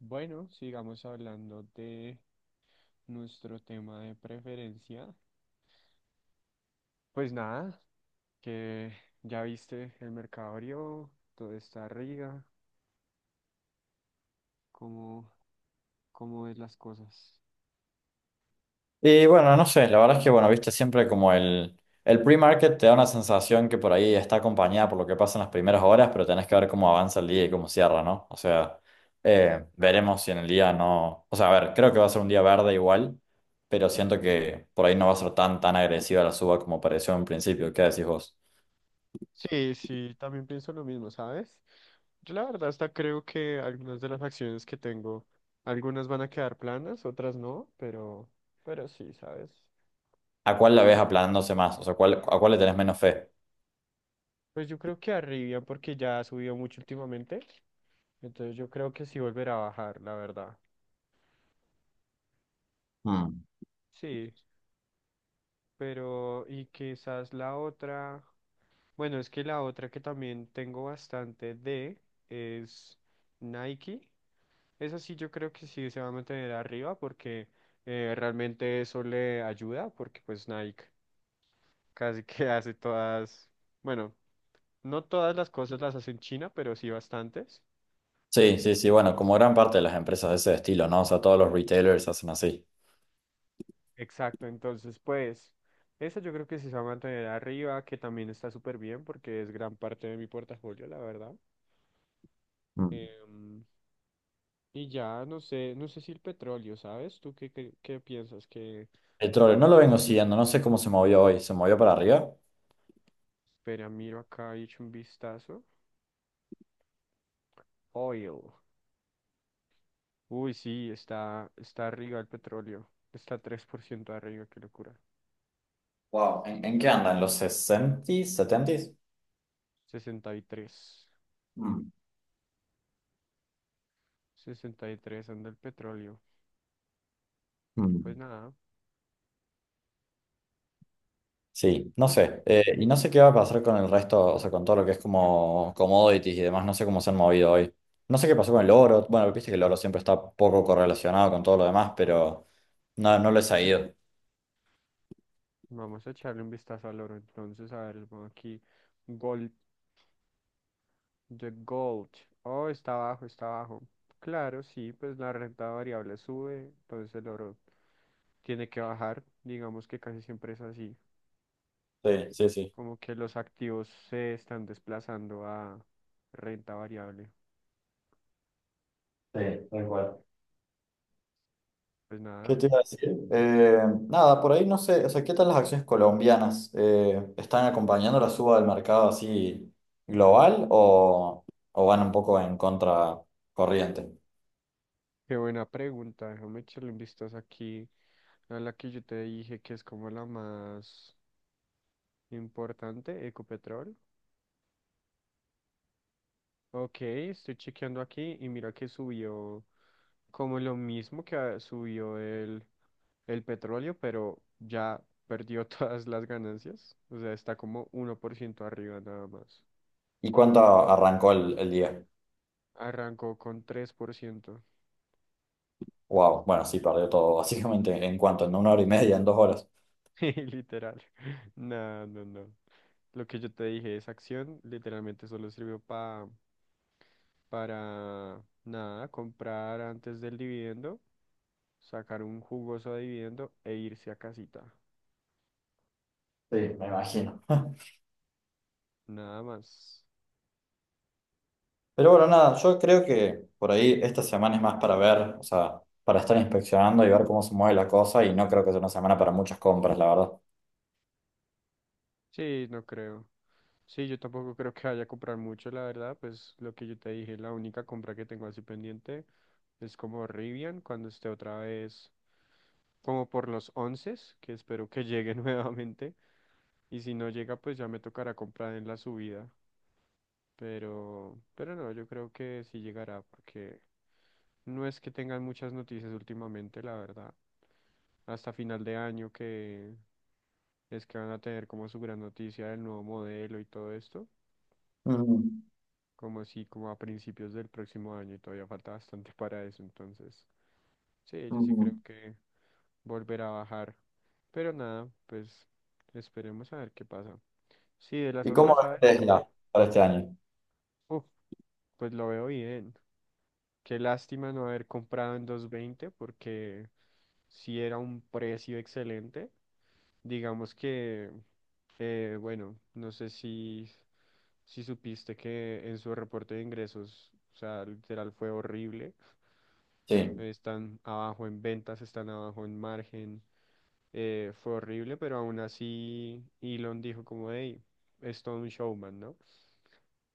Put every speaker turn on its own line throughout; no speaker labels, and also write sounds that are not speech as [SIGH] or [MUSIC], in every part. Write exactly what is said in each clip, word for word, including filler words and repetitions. Bueno, sigamos hablando de nuestro tema de preferencia. Pues nada, que ya viste el mercado abrió, todo está arriba, cómo, cómo ves las cosas.
Y bueno, no sé, la verdad es que, bueno, viste, siempre como el, el pre-market te da una sensación que por ahí está acompañada por lo que pasa en las primeras horas, pero tenés que ver cómo avanza el día y cómo cierra, ¿no? O sea, eh, veremos si en el día no... O sea, a ver, creo que va a ser un día verde igual, pero siento que por ahí no va a ser tan, tan agresiva la suba como pareció en principio. ¿Qué decís vos?
Sí, sí, también pienso lo mismo, ¿sabes? Yo la verdad hasta creo que algunas de las acciones que tengo, algunas van a quedar planas, otras no, pero, pero sí, ¿sabes?
¿A cuál la ves aplanándose más? O sea, ¿cuál, a cuál le tenés menos fe?
Pues yo creo que arriba porque ya ha subido mucho últimamente, entonces yo creo que sí volverá a bajar, la verdad.
Mm.
Sí. Pero, y quizás la otra, bueno, es que la otra que también tengo bastante de es Nike. Esa sí yo creo que sí se va a mantener arriba porque eh, realmente eso le ayuda porque pues Nike casi que [LAUGHS] hace todas, bueno, no todas las cosas las hace en China, pero sí bastantes.
Sí, sí, sí, bueno, como gran parte de las empresas de ese estilo, ¿no? O sea, todos los retailers hacen así.
Exacto, entonces pues esa yo creo que sí se va a mantener arriba, que también está súper bien porque es gran parte de mi portafolio, la verdad. Em, Y ya, no sé, no sé si el petróleo, ¿sabes? ¿Tú qué, qué, qué piensas que...
El petróleo no lo vengo siguiendo, no sé cómo se movió hoy. ¿Se movió para arriba?
Espera, miro acá, he hecho un vistazo. Oil. Uy, sí, está, está arriba el petróleo. Está tres por ciento arriba, qué locura.
Wow, ¿en, en qué anda? ¿En los sesentas,
Sesenta, sesenta y tres.
mm,
Sesenta y tres anda el petróleo. Pues
mm?
nada,
Sí, no
no sé.
sé. Eh, y no sé qué va a pasar con el resto, o sea, con todo lo que es como commodities y demás, no sé cómo se han movido hoy. No sé qué pasó con el oro. Bueno, viste que el oro siempre está poco correlacionado con todo lo demás, pero no, no lo he seguido.
Vamos a echarle un vistazo al oro entonces, a ver, vamos aquí. Gold. The Gold. Oh, está abajo, está abajo. Claro, sí, pues la renta variable sube, entonces el oro tiene que bajar. Digamos que casi siempre es así.
Sí, sí, sí.
Como que los activos se están desplazando a renta variable.
Sí, tal cual.
Pues
¿Qué
nada,
te iba a decir? Eh, nada, por ahí no sé, o sea, ¿qué tal las acciones colombianas? Eh, ¿están acompañando la suba del mercado así global o, o van un poco en contracorriente?
qué buena pregunta. Déjame echarle un vistazo aquí a la que yo te dije que es como la más importante, Ecopetrol. Ok, estoy chequeando aquí y mira que subió como lo mismo que ah, subió el. el petróleo, pero ya perdió [LAUGHS] todas las ganancias. O sea, está como uno por ciento arriba nada más.
¿Y cuánto arrancó el, el día?
Arrancó con tres por ciento.
Wow, bueno, sí, perdió todo, [LAUGHS] básicamente, ¿en cuánto? ¿En una hora y media? ¿En dos horas?
[LAUGHS] Literal. No, no, no. Lo que yo te dije, esa acción literalmente solo sirvió pa para nada, comprar antes del dividendo, sacar un jugoso dividendo e irse a casita.
Sí, me imagino. [LAUGHS]
Nada más.
Pero bueno, nada, yo creo que por ahí esta semana es más para ver, o sea, para estar inspeccionando y ver cómo se mueve la cosa y no creo que sea una semana para muchas compras, la verdad.
Sí, no creo. Sí, yo tampoco creo que vaya a comprar mucho, la verdad, pues lo que yo te dije, la única compra que tengo así pendiente es como Rivian, cuando esté otra vez como por los once, que espero que llegue [LAUGHS] nuevamente, y si no llega, pues ya me tocará comprar en la subida, pero, pero no, yo creo que sí llegará, porque no es que tengan muchas noticias últimamente, la verdad, hasta final de año que es que van a tener como su gran noticia del nuevo modelo y todo esto.
Ujú,
Como si como a principios del próximo año y todavía falta bastante para eso, entonces sí, yo sí
ujú.
creo que volverá a bajar, pero nada, pues esperemos a ver qué pasa. Sí, de las
¿Y cómo
otras
ves
aves, no,
Tesla para este año?
uf, pues lo veo bien. Qué lástima no haber comprado en dos veinte porque si era un precio excelente. Digamos que, eh, bueno, no sé si, si supiste que en su reporte de ingresos, o sea, literal fue horrible.
Sí.
Están abajo en ventas, están abajo en margen. Eh, fue horrible, pero aún así Elon dijo como, hey, es todo un showman, ¿no?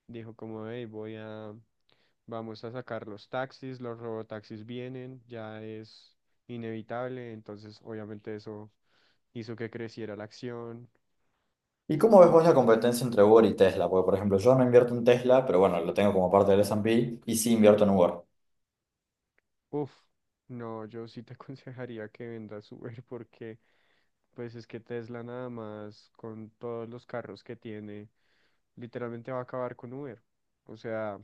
Dijo como, hey, voy a, vamos a sacar los taxis, los robotaxis vienen, ya es inevitable, entonces obviamente eso hizo que creciera la acción.
¿Y cómo ves vos la competencia entre Uber y Tesla? Porque, por ejemplo, yo no invierto en Tesla, pero bueno, lo tengo como parte del ese y pe y sí invierto en Uber.
Uf, no, yo sí te [LAUGHS] aconsejaría que vendas Uber porque pues es que Tesla nada más con todos los carros que tiene, literalmente va a acabar con Uber. O sea,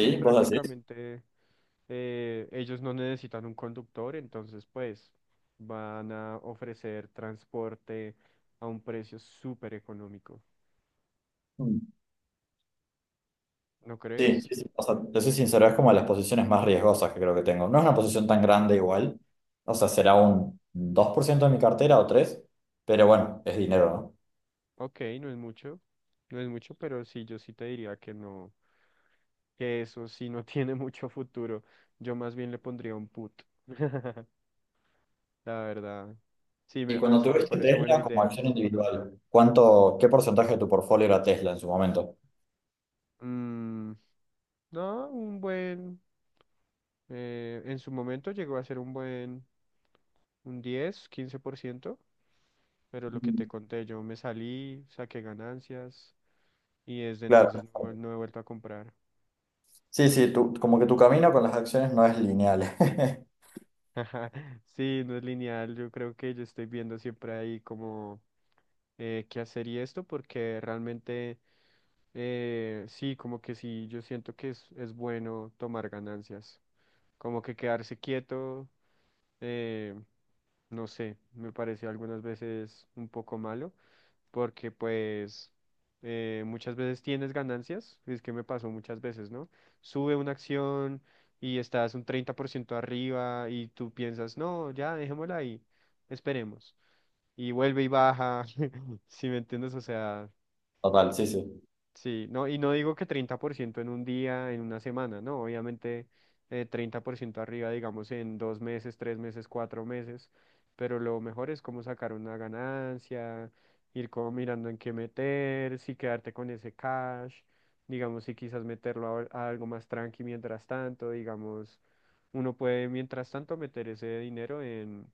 sí,
¿Vos decís?
prácticamente eh, ellos no necesitan un conductor, entonces pues van a ofrecer transporte a un precio súper económico.
Mm.
¿No
Sí,
crees?
sí, sí. O sea, te soy sincero, es como de las posiciones más riesgosas que creo que tengo. No es una posición tan grande igual. O sea, será un dos por ciento de mi cartera o tres por ciento, pero bueno, es dinero, ¿no?
Ok, no es mucho, no es mucho, pero sí, yo sí te diría que no. Que eso sí no [LAUGHS] tiene mucho futuro. Yo más bien le pondría un put. [LAUGHS] La verdad. Sí,
Y
me,
cuando
hasta me
tuviste
parece buena
Tesla como
idea.
acción individual, ¿cuánto, qué porcentaje de tu portfolio era Tesla en su momento?
Mm, no, un buen... eh, en su momento llegó a ser un buen... Un diez, quince por ciento. Pero lo que te
Mm.
conté, yo me salí, saqué ganancias y desde entonces
Claro.
no, vuel- no he vuelto a comprar.
Sí, sí, tú, como que tu camino con las acciones no es lineal. [LAUGHS]
[LAUGHS] Sí, no es lineal. Yo creo que yo estoy viendo siempre ahí como eh, qué hacer y esto, porque realmente Eh, sí, como que sí, yo siento que es, es bueno tomar ganancias. Como que quedarse quieto, eh, no sé, me parece algunas veces un poco malo, porque pues eh, muchas veces tienes ganancias, es que me pasó muchas veces, ¿no? Sube una acción y estás un treinta por ciento arriba y tú piensas, no, ya, dejémosla ahí, esperemos. Y vuelve y baja, [LAUGHS] si me entiendes, o sea,
Total, sí, sí.
sí, no, y no digo que treinta por ciento en un día, en una semana, no, obviamente eh, treinta por ciento arriba, digamos, en dos meses, tres meses, cuatro meses, pero lo mejor es como sacar una ganancia, ir como mirando en qué meter, si quedarte con ese cash, digamos, si quizás meterlo a, a algo más tranqui mientras tanto, digamos, uno puede mientras tanto meter ese dinero en,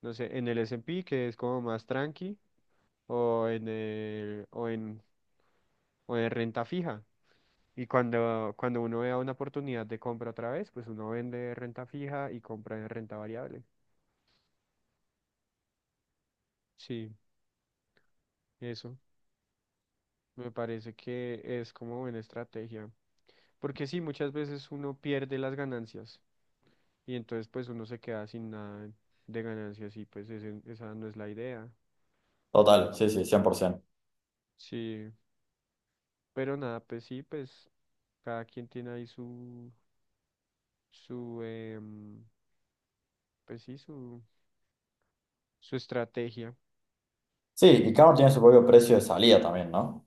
no sé, en el S and P que es como más tranqui, o en el, o en, o en renta fija y cuando, cuando uno vea una oportunidad de compra otra vez, pues uno vende renta fija y compra en renta variable. Sí, eso. Me parece que es como buena estrategia. Porque sí, muchas veces uno pierde las ganancias y entonces pues uno se queda sin nada de ganancias y pues ese- esa no es la idea.
Total, sí, sí, cien por ciento.
Sí, pero nada, pues sí, pues cada quien tiene ahí su, su, em, pues sí, su, su estrategia.
Sí, y cada uno tiene su propio precio de salida también, ¿no?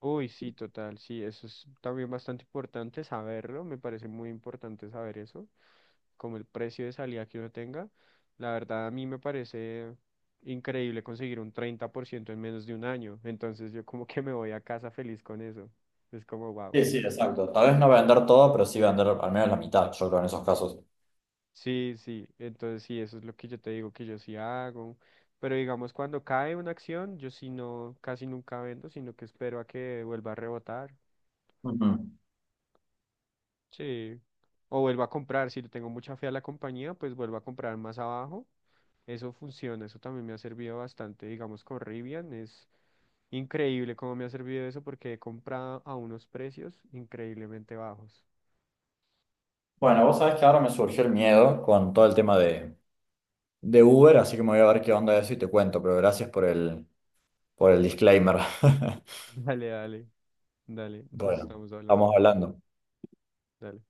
Uy, sí, total, sí, eso es también bastante importante saberlo, me parece muy importante saber eso, como el precio de salida que uno tenga. La verdad, a mí me parece increíble conseguir un treinta por ciento en menos de un año, entonces yo como que me voy a casa feliz con eso, es como wow.
Sí, sí, exacto. Tal vez no vender todo, pero sí vender al menos la mitad, yo creo, en esos casos.
Sí, sí, entonces sí, eso es lo que yo te digo que yo sí hago, pero digamos cuando cae una acción, yo sí no, casi nunca vendo, sino que espero a que vuelva a rebotar.
Ujú.
Sí. O vuelvo a comprar, si le tengo mucha fe a la compañía, pues vuelvo a comprar más abajo. Eso funciona, eso también me ha servido bastante, digamos, con Rivian. Es increíble cómo me ha servido eso porque he comprado a unos precios increíblemente bajos.
Bueno, vos sabés que ahora me surgió el miedo con todo el tema de, de Uber, así que me voy a ver qué onda de eso y te cuento, pero gracias por el, por el disclaimer. [LAUGHS]
[LAUGHS] Dale, dale, dale, nos
Bueno,
estamos hablando.
estamos hablando.
Dale.